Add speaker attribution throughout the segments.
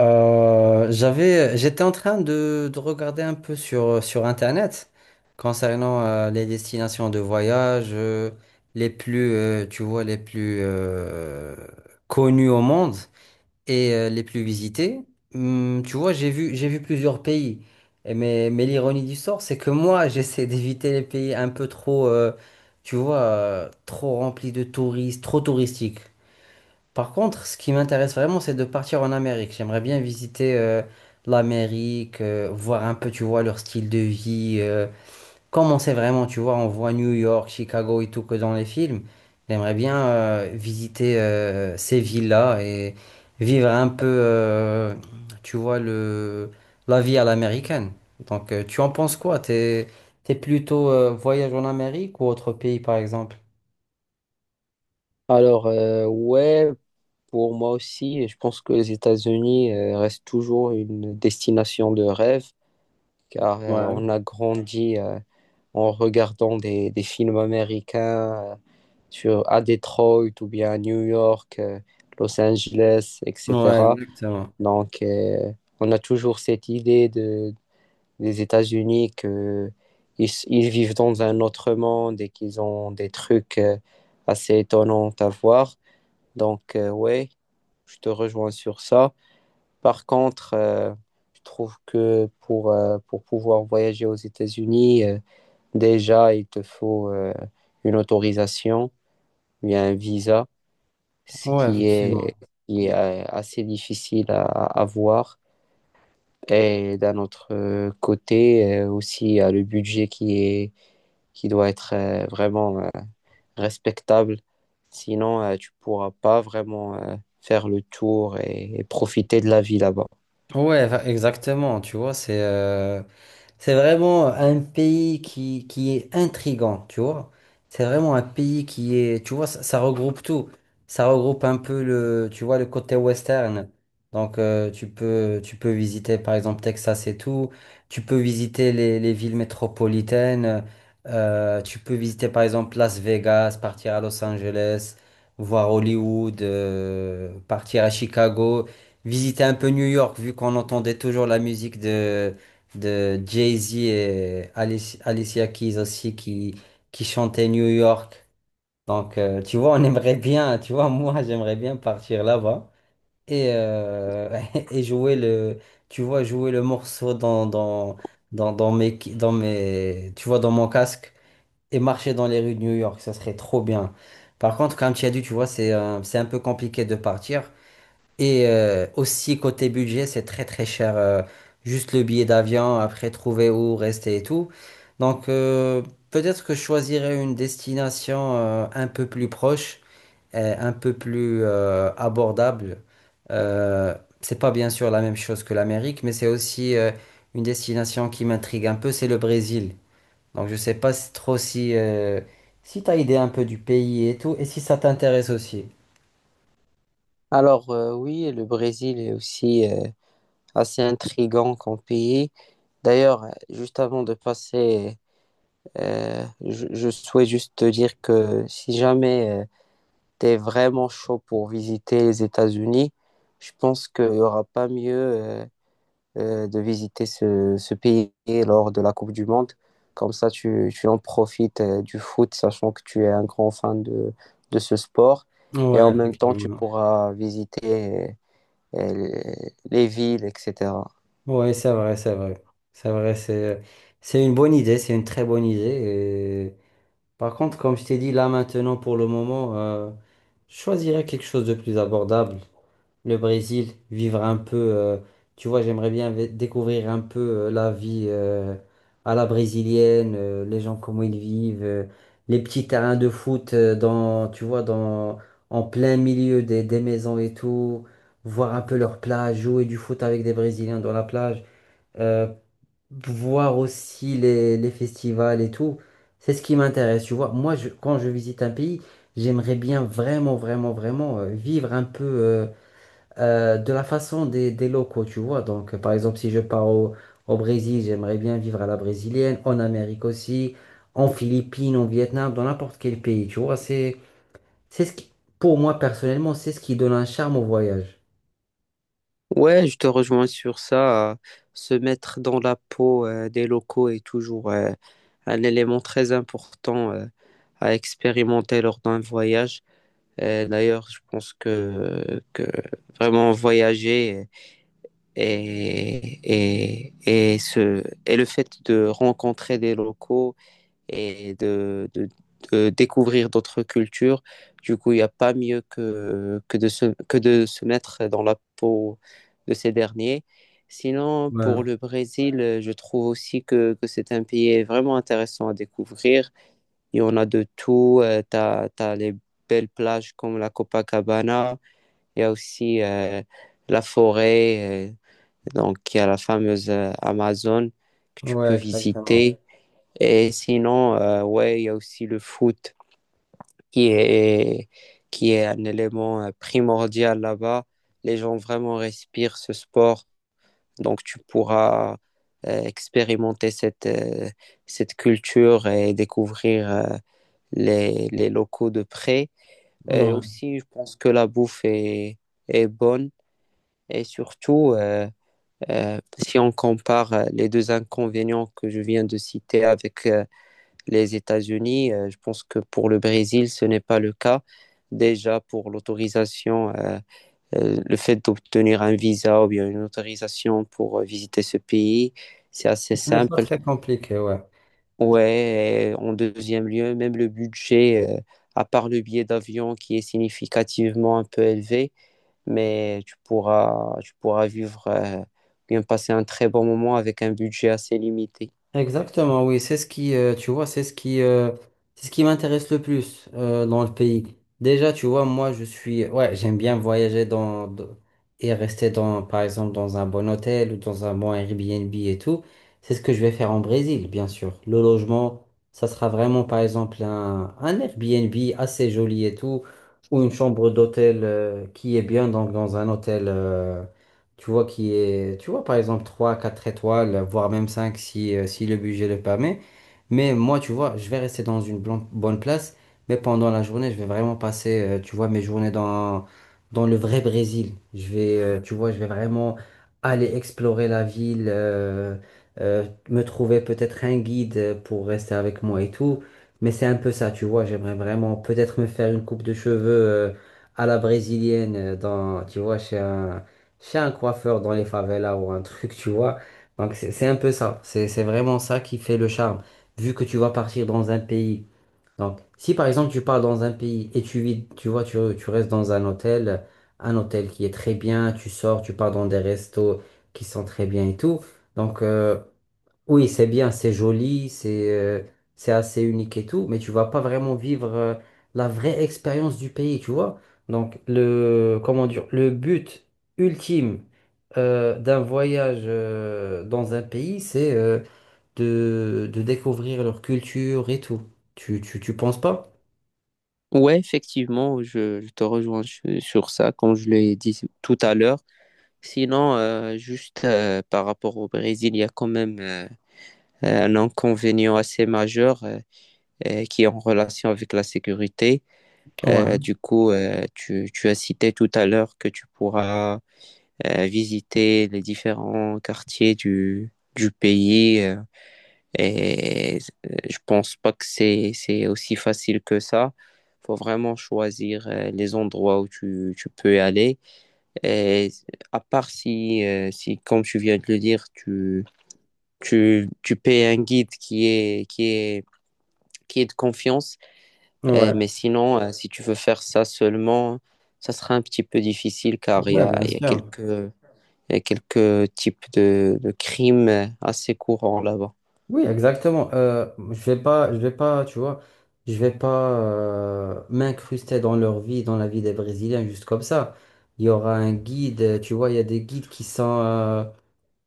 Speaker 1: J'étais en train de regarder un peu sur Internet concernant les destinations de voyage les plus, tu vois, les plus connues au monde et les plus visitées. Tu vois, j'ai vu plusieurs pays. Et mais l'ironie du sort, c'est que moi, j'essaie d'éviter les pays un peu trop, tu vois, trop remplis de touristes, trop touristiques. Par contre, ce qui m'intéresse vraiment, c'est de partir en Amérique. J'aimerais bien visiter l'Amérique, voir un peu, tu vois, leur style de vie, comment c'est vraiment, tu vois, on voit New York, Chicago et tout que dans les films. J'aimerais bien visiter ces villes-là et vivre un peu, tu vois, la vie à l'américaine. Donc, tu en penses quoi? T'es plutôt voyage en Amérique ou autre pays, par exemple?
Speaker 2: Alors, euh, ouais, pour moi aussi, je pense que les États-Unis restent toujours une destination de rêve, car
Speaker 1: Ouais.
Speaker 2: on a grandi en regardant des films américains sur, à Detroit ou bien à New York, Los Angeles,
Speaker 1: Ouais,
Speaker 2: etc.
Speaker 1: exactement.
Speaker 2: Donc, euh, on a toujours cette idée de, des États-Unis que ils vivent dans un autre monde et qu'ils ont des trucs assez étonnants à voir. Donc, euh, ouais, je te rejoins sur ça. Par contre, je trouve que pour pouvoir voyager aux États-Unis, déjà, il te faut une autorisation, bien un visa, ce
Speaker 1: Ouais,
Speaker 2: qui
Speaker 1: effectivement.
Speaker 2: est, qui est, assez difficile à avoir. Et d'un autre côté, aussi, il y a le budget qui doit être vraiment respectable. Sinon, tu pourras pas vraiment faire le tour et profiter de la vie là-bas.
Speaker 1: Exactement, tu vois, c'est vraiment un pays qui est intrigant, tu vois. C'est vraiment un pays qui est, tu vois, ça regroupe tout. Ça regroupe un peu tu vois, le côté western. Donc, tu peux visiter, par exemple, Texas et tout. Tu peux visiter les villes métropolitaines. Tu peux visiter, par exemple, Las Vegas, partir à Los Angeles, voir Hollywood, partir à Chicago, visiter un peu New York, vu qu'on entendait toujours la musique de Jay-Z et Alicia Keys aussi qui chantaient New York. Donc, tu vois, on aimerait bien, tu vois, moi, j'aimerais bien partir là-bas et et jouer tu vois, jouer le morceau dans mes, tu vois, dans mon casque et marcher dans les rues de New York. Ça serait trop bien. Par contre, comme tu as dit, tu vois, c'est un peu compliqué de partir. Et aussi côté budget, c'est très très cher. Juste le billet d'avion, après trouver où rester et tout. Donc peut-être que je choisirais une destination un peu plus proche, et un peu plus abordable. Euh, c'est pas bien sûr la même chose que l'Amérique, mais c'est aussi une destination qui m'intrigue un peu, c'est le Brésil. Donc je sais pas si- trop si, si tu as idée un peu du pays et tout, et si ça t'intéresse aussi.
Speaker 2: Oui, le Brésil est aussi assez intrigant comme pays. D'ailleurs, juste avant de passer, je souhaite juste te dire que si jamais tu es vraiment chaud pour visiter les États-Unis, je pense qu'il n'y aura pas mieux de visiter ce pays lors de la Coupe du Monde. Comme ça, tu en profites du foot, sachant que tu es un grand fan de ce sport. Et
Speaker 1: Ouais,
Speaker 2: en même temps, tu
Speaker 1: effectivement.
Speaker 2: pourras visiter les villes, etc.
Speaker 1: Oui, c'est vrai. C'est vrai, c'est une bonne idée, c'est une très bonne idée. Et par contre, comme je t'ai dit, là maintenant, pour le moment, je choisirais quelque chose de plus abordable. Le Brésil, vivre un peu, tu vois, j'aimerais bien découvrir un peu la vie à la brésilienne, les gens comment ils vivent, les petits terrains de foot dans, tu vois, dans, en plein milieu des maisons et tout, voir un peu leur plage, jouer du foot avec des Brésiliens dans la plage euh, voir aussi les festivals et tout. C'est ce qui m'intéresse, tu vois. Moi, quand je visite un pays, j'aimerais bien vraiment, vraiment, vraiment vivre un peu de la façon des locaux, tu vois. Donc, par exemple, si je pars au Brésil, j'aimerais bien vivre à la brésilienne, en Amérique aussi, en Philippines, en Vietnam, dans n'importe quel pays, tu vois. C'est ce qui, pour moi, personnellement, c'est ce qui donne un charme au voyage.
Speaker 2: Ouais, je te rejoins sur ça. Se mettre dans la peau des locaux est toujours un élément très important à expérimenter lors d'un voyage. D'ailleurs, je pense que vraiment voyager Et, et, et, ce, et le fait de rencontrer des locaux et de découvrir d'autres cultures, du coup, il n'y a pas mieux que de se mettre dans la peau de ces derniers. Sinon, pour
Speaker 1: Ouais,
Speaker 2: le Brésil, je trouve aussi que c'est un pays vraiment intéressant à découvrir. Il y en a de tout. Tu as, les belles plages comme la Copacabana. Il y a aussi la forêt. Donc, il y a la fameuse Amazon que tu peux
Speaker 1: ouais, exactement.
Speaker 2: visiter. Et sinon, ouais, il y a aussi le foot qui est, qui est un élément primordial là-bas. Les gens vraiment respirent ce sport. Donc, tu pourras expérimenter cette culture et les locaux de près. Et
Speaker 1: Ouais.
Speaker 2: aussi, je pense que la bouffe est bonne. Et surtout, si on compare les deux inconvénients que je viens de citer avec les États-Unis, je pense que pour le Brésil, ce n'est pas le cas. Déjà, pour l'autorisation, le fait d'obtenir un visa ou bien une autorisation pour visiter ce pays, c'est assez
Speaker 1: Ce n'est pas
Speaker 2: simple.
Speaker 1: très compliqué, ouais.
Speaker 2: Ouais, et en deuxième lieu, même le budget, à part le billet d'avion qui est significativement un peu élevé, mais tu pourras vivre, bien passer un très bon moment avec un budget assez limité.
Speaker 1: Exactement, oui, c'est ce qui m'intéresse le plus dans le pays. Déjà, tu vois, moi, je suis, ouais, j'aime bien voyager et rester dans, par exemple, dans un bon hôtel ou dans un bon Airbnb et tout. C'est ce que je vais faire en Brésil, bien sûr. Le logement, ça sera vraiment, par exemple, un Airbnb assez joli et tout, ou une chambre d'hôtel qui est bien, donc dans un hôtel. Tu vois, qui est, tu vois, par exemple, 3 4 étoiles, voire même 5 si si le budget le permet. Mais moi, tu vois, je vais rester dans une bonne place, mais pendant la journée, je vais vraiment passer, tu vois, mes journées dans, dans le vrai Brésil. Je vais, tu vois, je vais vraiment aller explorer la ville, me trouver peut-être un guide pour rester avec moi et tout. Mais c'est un peu ça, tu vois, j'aimerais vraiment peut-être me faire une coupe de cheveux, à la brésilienne, dans, tu vois, chez un coiffeur dans les favelas ou un truc, tu vois. Donc c'est un peu ça, c'est vraiment ça qui fait le charme vu que tu vas partir dans un pays. Donc, si par exemple tu pars dans un pays et tu vis, tu vois, tu restes dans un hôtel qui est très bien, tu sors, tu pars dans des restos qui sont très bien et tout. Donc, oui, c'est bien, c'est joli, c'est assez unique et tout, mais tu vas pas vraiment vivre la vraie expérience du pays, tu vois. Donc, comment dire, le but ultime d'un voyage dans un pays, c'est de découvrir leur culture et tout. Tu penses pas?
Speaker 2: Ouais, effectivement, je te rejoins su- sur ça, comme je l'ai dit tout à l'heure. Sinon, juste par rapport au Brésil, il y a quand même un inconvénient assez majeur, qui est en relation avec la sécurité.
Speaker 1: Ouais,
Speaker 2: Du coup, tu as cité tout à l'heure que tu pourras visiter les différents quartiers du pays. Et je pense pas que c'est aussi facile que ça. Faut vraiment choisir les endroits où tu peux aller. Et à part si, comme tu viens de le dire, tu payes un guide qui est de confiance. Mais
Speaker 1: ouais,
Speaker 2: sinon, si tu veux faire ça seulement, ça sera un petit peu difficile car
Speaker 1: ouais, bien
Speaker 2: il y a
Speaker 1: sûr.
Speaker 2: quelques, il y a quelques types de crimes assez courants là-bas.
Speaker 1: Oui, exactement. Je vais pas, tu vois, je vais pas m'incruster dans leur vie, dans la vie des Brésiliens, juste comme ça. Il y aura un guide, tu vois, il y a des guides qui sont.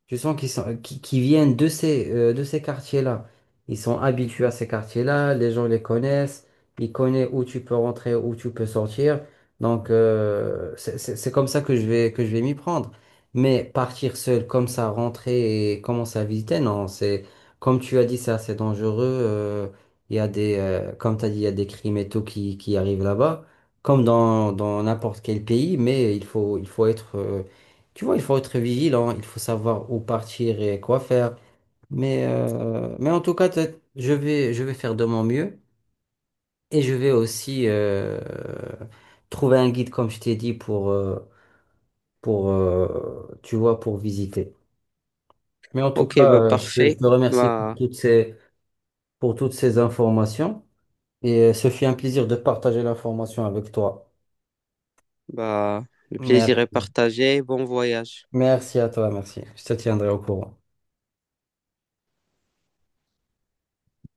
Speaker 1: Je sens qu'ils sont, qui viennent de ces quartiers-là. Ils sont habitués à ces quartiers-là, les gens les connaissent, ils connaissent où tu peux rentrer, où tu peux sortir. Donc, c'est comme ça que je vais m'y prendre. Mais partir seul comme ça, rentrer et commencer à visiter, non, c'est, comme tu as dit, c'est assez dangereux. Il y a des, comme tu as dit, il y a des crimes et tout qui arrivent là-bas, comme dans n'importe quel pays, mais il faut être, tu vois, il faut être vigilant, il faut savoir où partir et quoi faire. Mais en tout cas, je vais faire de mon mieux et je vais aussi trouver un guide, comme je t'ai dit, pour, tu vois, pour visiter. Mais en tout
Speaker 2: Ok,
Speaker 1: cas,
Speaker 2: bah
Speaker 1: je
Speaker 2: parfait.
Speaker 1: te remercie pour
Speaker 2: Bah,
Speaker 1: toutes pour toutes ces informations et ce fut un plaisir de partager l'information avec toi.
Speaker 2: bah, le plaisir
Speaker 1: Merci.
Speaker 2: est partagé. Bon voyage.
Speaker 1: Merci à toi, merci. Je te tiendrai au courant.